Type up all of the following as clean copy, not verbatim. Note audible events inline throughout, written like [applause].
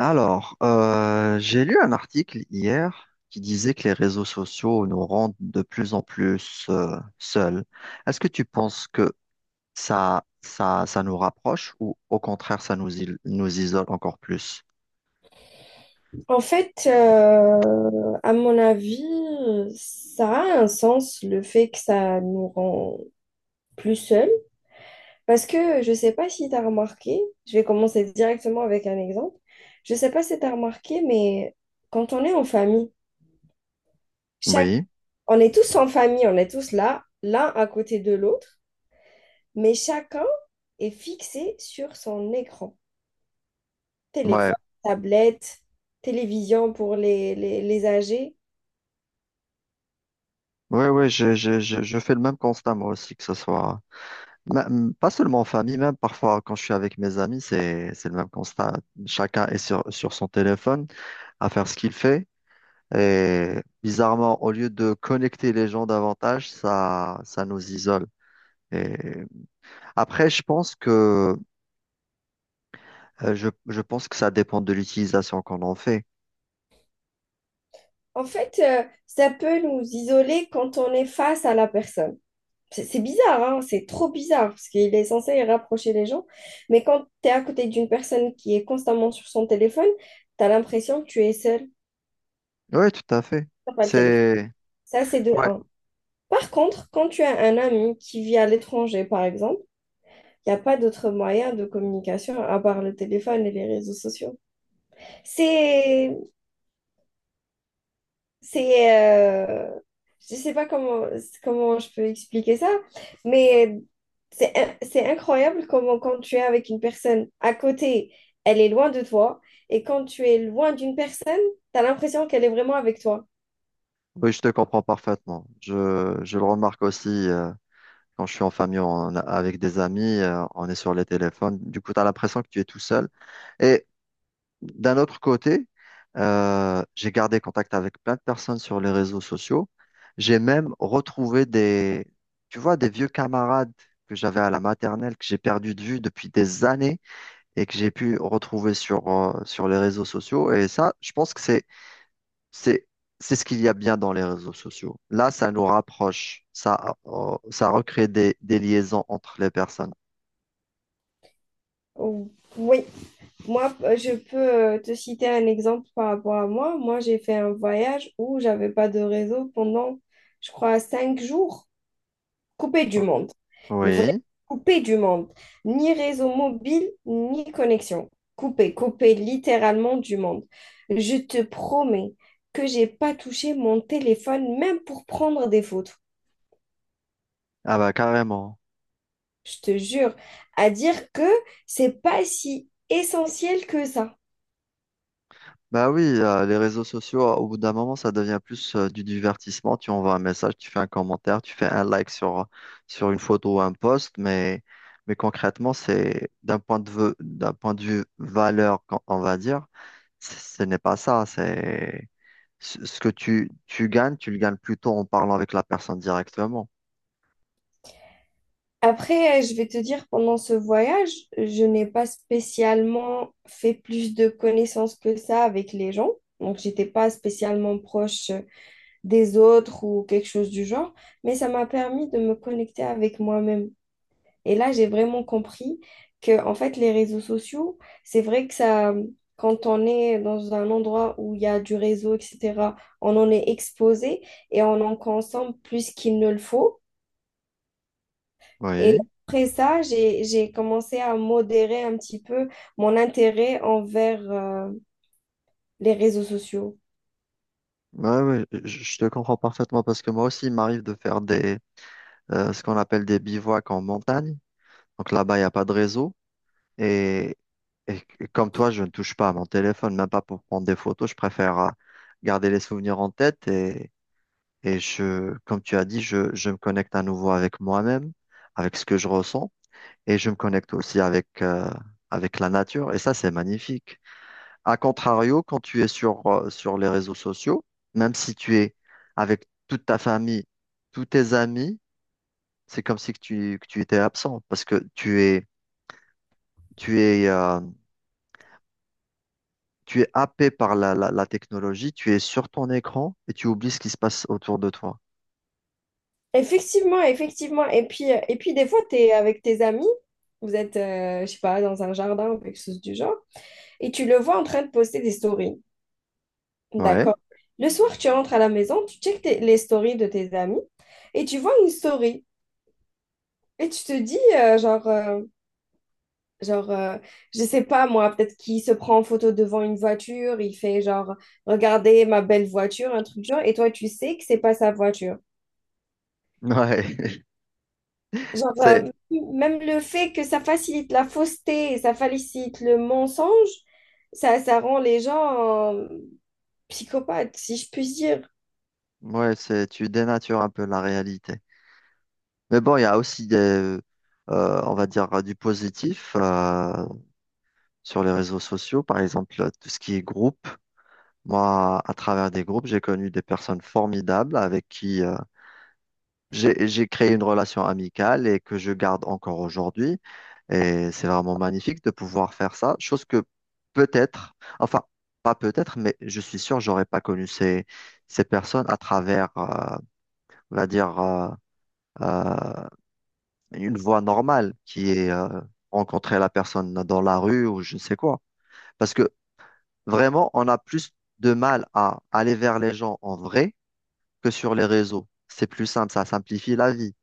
Alors, j'ai lu un article hier qui disait que les réseaux sociaux nous rendent de plus en plus seuls. Est-ce que tu penses que ça nous rapproche ou au contraire, ça nous, nous isole encore plus? À mon avis, ça a un sens le fait que ça nous rend plus seuls. Parce que je ne sais pas si tu as remarqué, je vais commencer directement avec un exemple. Je ne sais pas si tu as remarqué, mais quand on est en famille, chaque... Oui, on est tous en famille, on est tous là, l'un à côté de l'autre, mais chacun est fixé sur son écran. ouais, Téléphone, tablette, télévision pour les âgés. ouais, ouais, je fais le même constat moi aussi, que ce soit pas seulement en famille, même parfois quand je suis avec mes amis, c'est le même constat. Chacun est sur son téléphone à faire ce qu'il fait. Et bizarrement, au lieu de connecter les gens davantage, ça nous isole. Et après, je pense que ça dépend de l'utilisation qu'on en fait. Ça peut nous isoler quand on est face à la personne. C'est bizarre, hein, c'est trop bizarre, parce qu'il est censé rapprocher les gens. Mais quand tu es à côté d'une personne qui est constamment sur son téléphone, tu as l'impression que tu es seul, Oui, tout à fait. t'as pas le téléphone. C'est, Ça, c'est de ouais, un. Par contre, quand tu as un ami qui vit à l'étranger, par exemple, il n'y a pas d'autre moyen de communication à part le téléphone et les réseaux sociaux. C'est C'est, euh, je sais pas comment je peux expliquer ça, mais c'est incroyable comment quand tu es avec une personne à côté, elle est loin de toi, et quand tu es loin d'une personne, tu as l'impression qu'elle est vraiment avec toi. oui, je te comprends parfaitement. Je le remarque aussi, quand je suis en famille, avec des amis, on est sur les téléphones. Du coup, tu as l'impression que tu es tout seul. Et D'un autre côté, j'ai gardé contact avec plein de personnes sur les réseaux sociaux. J'ai même retrouvé tu vois, des vieux camarades que j'avais à la maternelle, que j'ai perdu de vue depuis des années et que j'ai pu retrouver sur les réseaux sociaux. Et ça, je pense que c'est, c'est ce qu'il y a bien dans les réseaux sociaux. Là, ça nous rapproche. Ça, ça recrée des liaisons entre les personnes. Ou- Oui, moi, je peux te citer un exemple par rapport à moi. Moi, j'ai fait un voyage où j'avais pas de réseau pendant, je crois, 5 jours. Coupé du monde. Mais vraiment Oui. coupé du monde. Ni réseau mobile, ni connexion. Coupé littéralement du monde. Je te promets que j'ai pas touché mon téléphone même pour prendre des photos. Ah bah, carrément. Je te jure, à dire que c'est pas si essentiel que ça. Bah oui, les réseaux sociaux, au bout d'un moment, ça devient plus du divertissement. Tu envoies un message, tu fais un commentaire, tu fais un like sur une photo ou un post, mais concrètement, c'est d'un point de vue valeur, on va dire, ce n'est pas ça. C'est ce que tu gagnes, tu le gagnes plutôt en parlant avec la personne directement. Après, je vais te dire, pendant ce voyage, je n'ai pas spécialement fait plus de connaissances que ça avec les gens. Donc, j'étais pas spécialement proche des autres ou quelque chose du genre, mais ça m'a permis de me connecter avec moi-même. Et là, j'ai vraiment compris que, en fait, les réseaux sociaux, c'est vrai que ça, quand on est dans un endroit où il y a du réseau, etc., on en est exposé et on en consomme plus qu'il ne le faut. Et Oui, après ça, j'ai commencé à modérer un petit peu mon intérêt envers les réseaux sociaux. ouais, ouais, je te comprends parfaitement parce que moi aussi, il m'arrive de faire ce qu'on appelle des bivouacs en montagne. Donc là-bas, il n'y a pas de réseau. Et, et Comme toi, je ne touche pas à mon téléphone, même pas pour prendre des photos. Je préfère garder les souvenirs en tête et comme tu as dit, je me connecte à nouveau avec moi-même, avec ce que je ressens et je me connecte aussi avec la nature. Et ça, c'est magnifique. A contrario, quand tu es sur les réseaux sociaux, même si tu es avec toute ta famille, tous tes amis, c'est comme si que tu étais absent parce que tu es, euh, tu es happé par la technologie, tu es sur ton écran et tu oublies ce qui se passe autour de toi. Effectivement, effectivement. Et puis des fois, tu es avec tes amis, vous êtes, je sais pas, dans un jardin ou quelque chose du genre, et tu le vois en train de poster des stories. Ouais, D'accord. Le soir, tu rentres à la maison, les stories de tes amis, et tu vois une story. Et tu te dis, genre, Genre, Je sais pas moi, peut-être qu'il se prend en photo devant une voiture, il fait genre, regardez ma belle voiture, un truc du genre, et toi tu sais que c'est pas sa voiture. ouais, [laughs] Genre, c'est, euh, Même le fait que ça facilite la fausseté, ça facilite le mensonge, ça rend les gens psychopathes, si je puis dire. ouais, c'est, tu dénatures un peu la réalité. Mais bon, il y a aussi on va dire, du positif sur les réseaux sociaux, par exemple, tout ce qui est groupe. Moi, à travers des groupes, j'ai connu des personnes formidables avec qui j'ai créé une relation amicale et que je garde encore aujourd'hui. Et c'est vraiment magnifique de pouvoir faire ça, chose que peut-être, enfin, pas peut-être, mais je suis sûr, j'aurais pas connu ces personnes on va dire, euh, une voie normale qui est rencontrer la personne dans la rue ou je ne sais quoi. Parce que vraiment, on a plus de mal à aller vers les gens en vrai que sur les réseaux. C'est plus simple, ça simplifie la vie.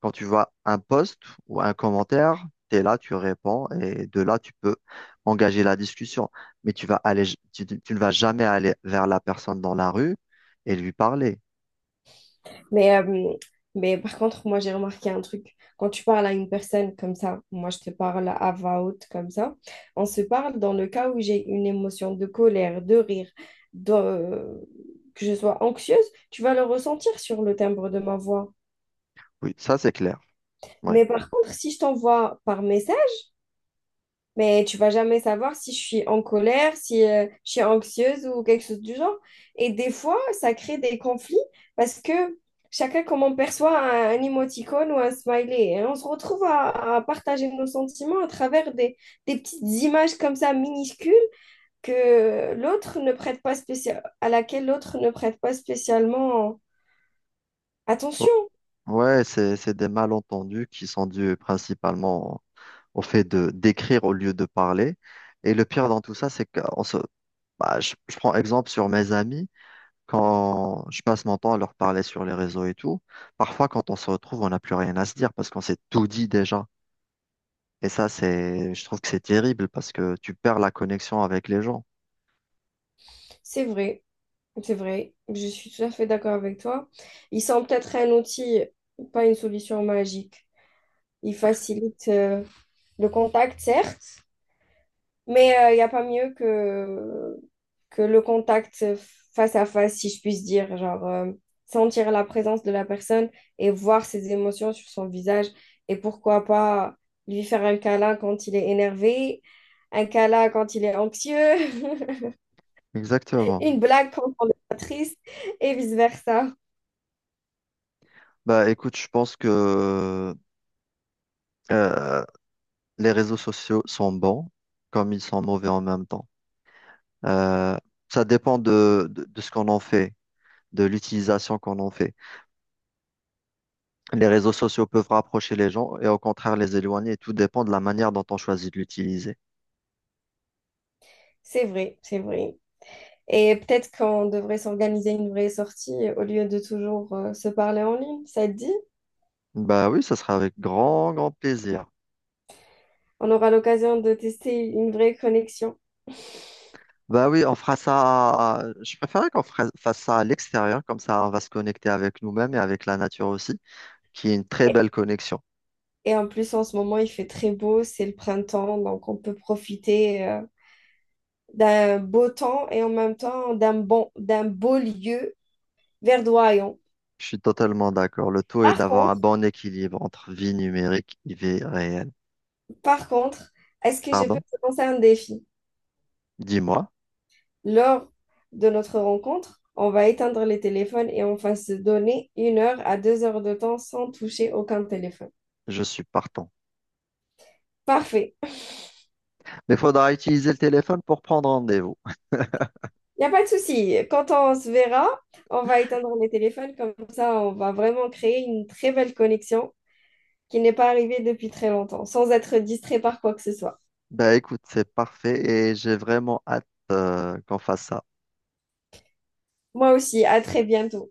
Quand tu vois un post ou un commentaire, tu es là, tu réponds et de là, tu peux engager la discussion. Mais tu ne vas jamais aller vers la personne dans la rue et lui parler. Mais, euh, mais par contre, moi, j'ai remarqué un truc. Quand tu parles à une personne comme ça, moi, je te parle à voix haute comme ça, on se parle dans le cas où j'ai une émotion de colère, de rire, de, que je sois anxieuse, tu vas le ressentir sur le timbre de ma voix. Oui, ça, c'est clair. Ouais. Mais par contre, si je t'envoie par message, mais tu vas jamais savoir si je suis en colère, si je suis anxieuse ou quelque chose du genre. Et des fois, ça crée des conflits parce que chacun, comment on perçoit un émoticône ou un smiley, et on se retrouve à partager nos sentiments à travers des petites images comme ça minuscules que l'autre ne prête pas spécial, à laquelle l'autre ne prête pas spécialement Oh, attention. ouais, c'est des malentendus qui sont dus principalement au fait de d'écrire au lieu de parler. Et le pire dans tout ça, c'est que je prends exemple sur mes amis. Quand je passe mon temps à leur parler sur les réseaux et tout, parfois quand on se retrouve, on n'a plus rien à se dire parce qu'on s'est tout dit déjà. Et ça, c'est, je trouve que c'est terrible parce que tu perds la connexion avec les gens. C'est vrai, c'est vrai. Je suis tout à fait d'accord avec toi. Ils sont peut-être un outil, pas une solution magique. Il facilite le contact, certes, mais il n'y a pas mieux que le contact face à face, si je puisse dire. Sentir la présence de la personne et voir ses émotions sur son visage. Et pourquoi pas lui faire un câlin quand il est énervé, un câlin quand il est anxieux, [laughs] Exactement. une blague quand on est triste et vice-versa. Bah écoute, je pense que euh, les réseaux sociaux sont bons comme ils sont mauvais en même temps. Euh, ça dépend de ce qu'on en fait, de l'utilisation qu'on en fait. Les réseaux sociaux peuvent rapprocher les gens et au contraire les éloigner. Tout dépend de la manière dont on choisit de l'utiliser. C'est vrai, c'est vrai. Et peut-être qu'on devrait s'organiser une vraie sortie au lieu de toujours se parler en ligne. Ça te dit? Bah oui, ça sera avec grand, grand plaisir. On aura l'occasion de tester une vraie connexion. Bah oui, on fera ça. Je préférerais qu'on fasse ça à l'extérieur, comme ça on va se connecter avec nous-mêmes et avec la nature aussi, qui est une très Et belle connexion. et en plus, en ce moment, il fait très beau, c'est le printemps, donc on peut profiter d'un beau temps et en même temps d'un beau lieu verdoyant. Je suis totalement d'accord. Le tout est Par d'avoir un contre, bon équilibre entre vie numérique et vie réelle. par contre, est-ce que je peux Pardon? te lancer un défi? Dis-moi, Lors de notre rencontre, on va éteindre les téléphones et on va se donner 1 heure à 2 heures de temps sans toucher aucun téléphone. je suis partant. Parfait. Mais faudra utiliser le téléphone pour prendre rendez-vous. Il n'y a pas de souci. Quand on se verra, on va éteindre les téléphones. Comme ça, on va vraiment créer une très belle connexion qui n'est pas arrivée depuis très longtemps, sans être distrait par quoi que ce soit. Bah écoute, c'est parfait et j'ai vraiment hâte, qu'on fasse ça. Moi aussi, à très bientôt.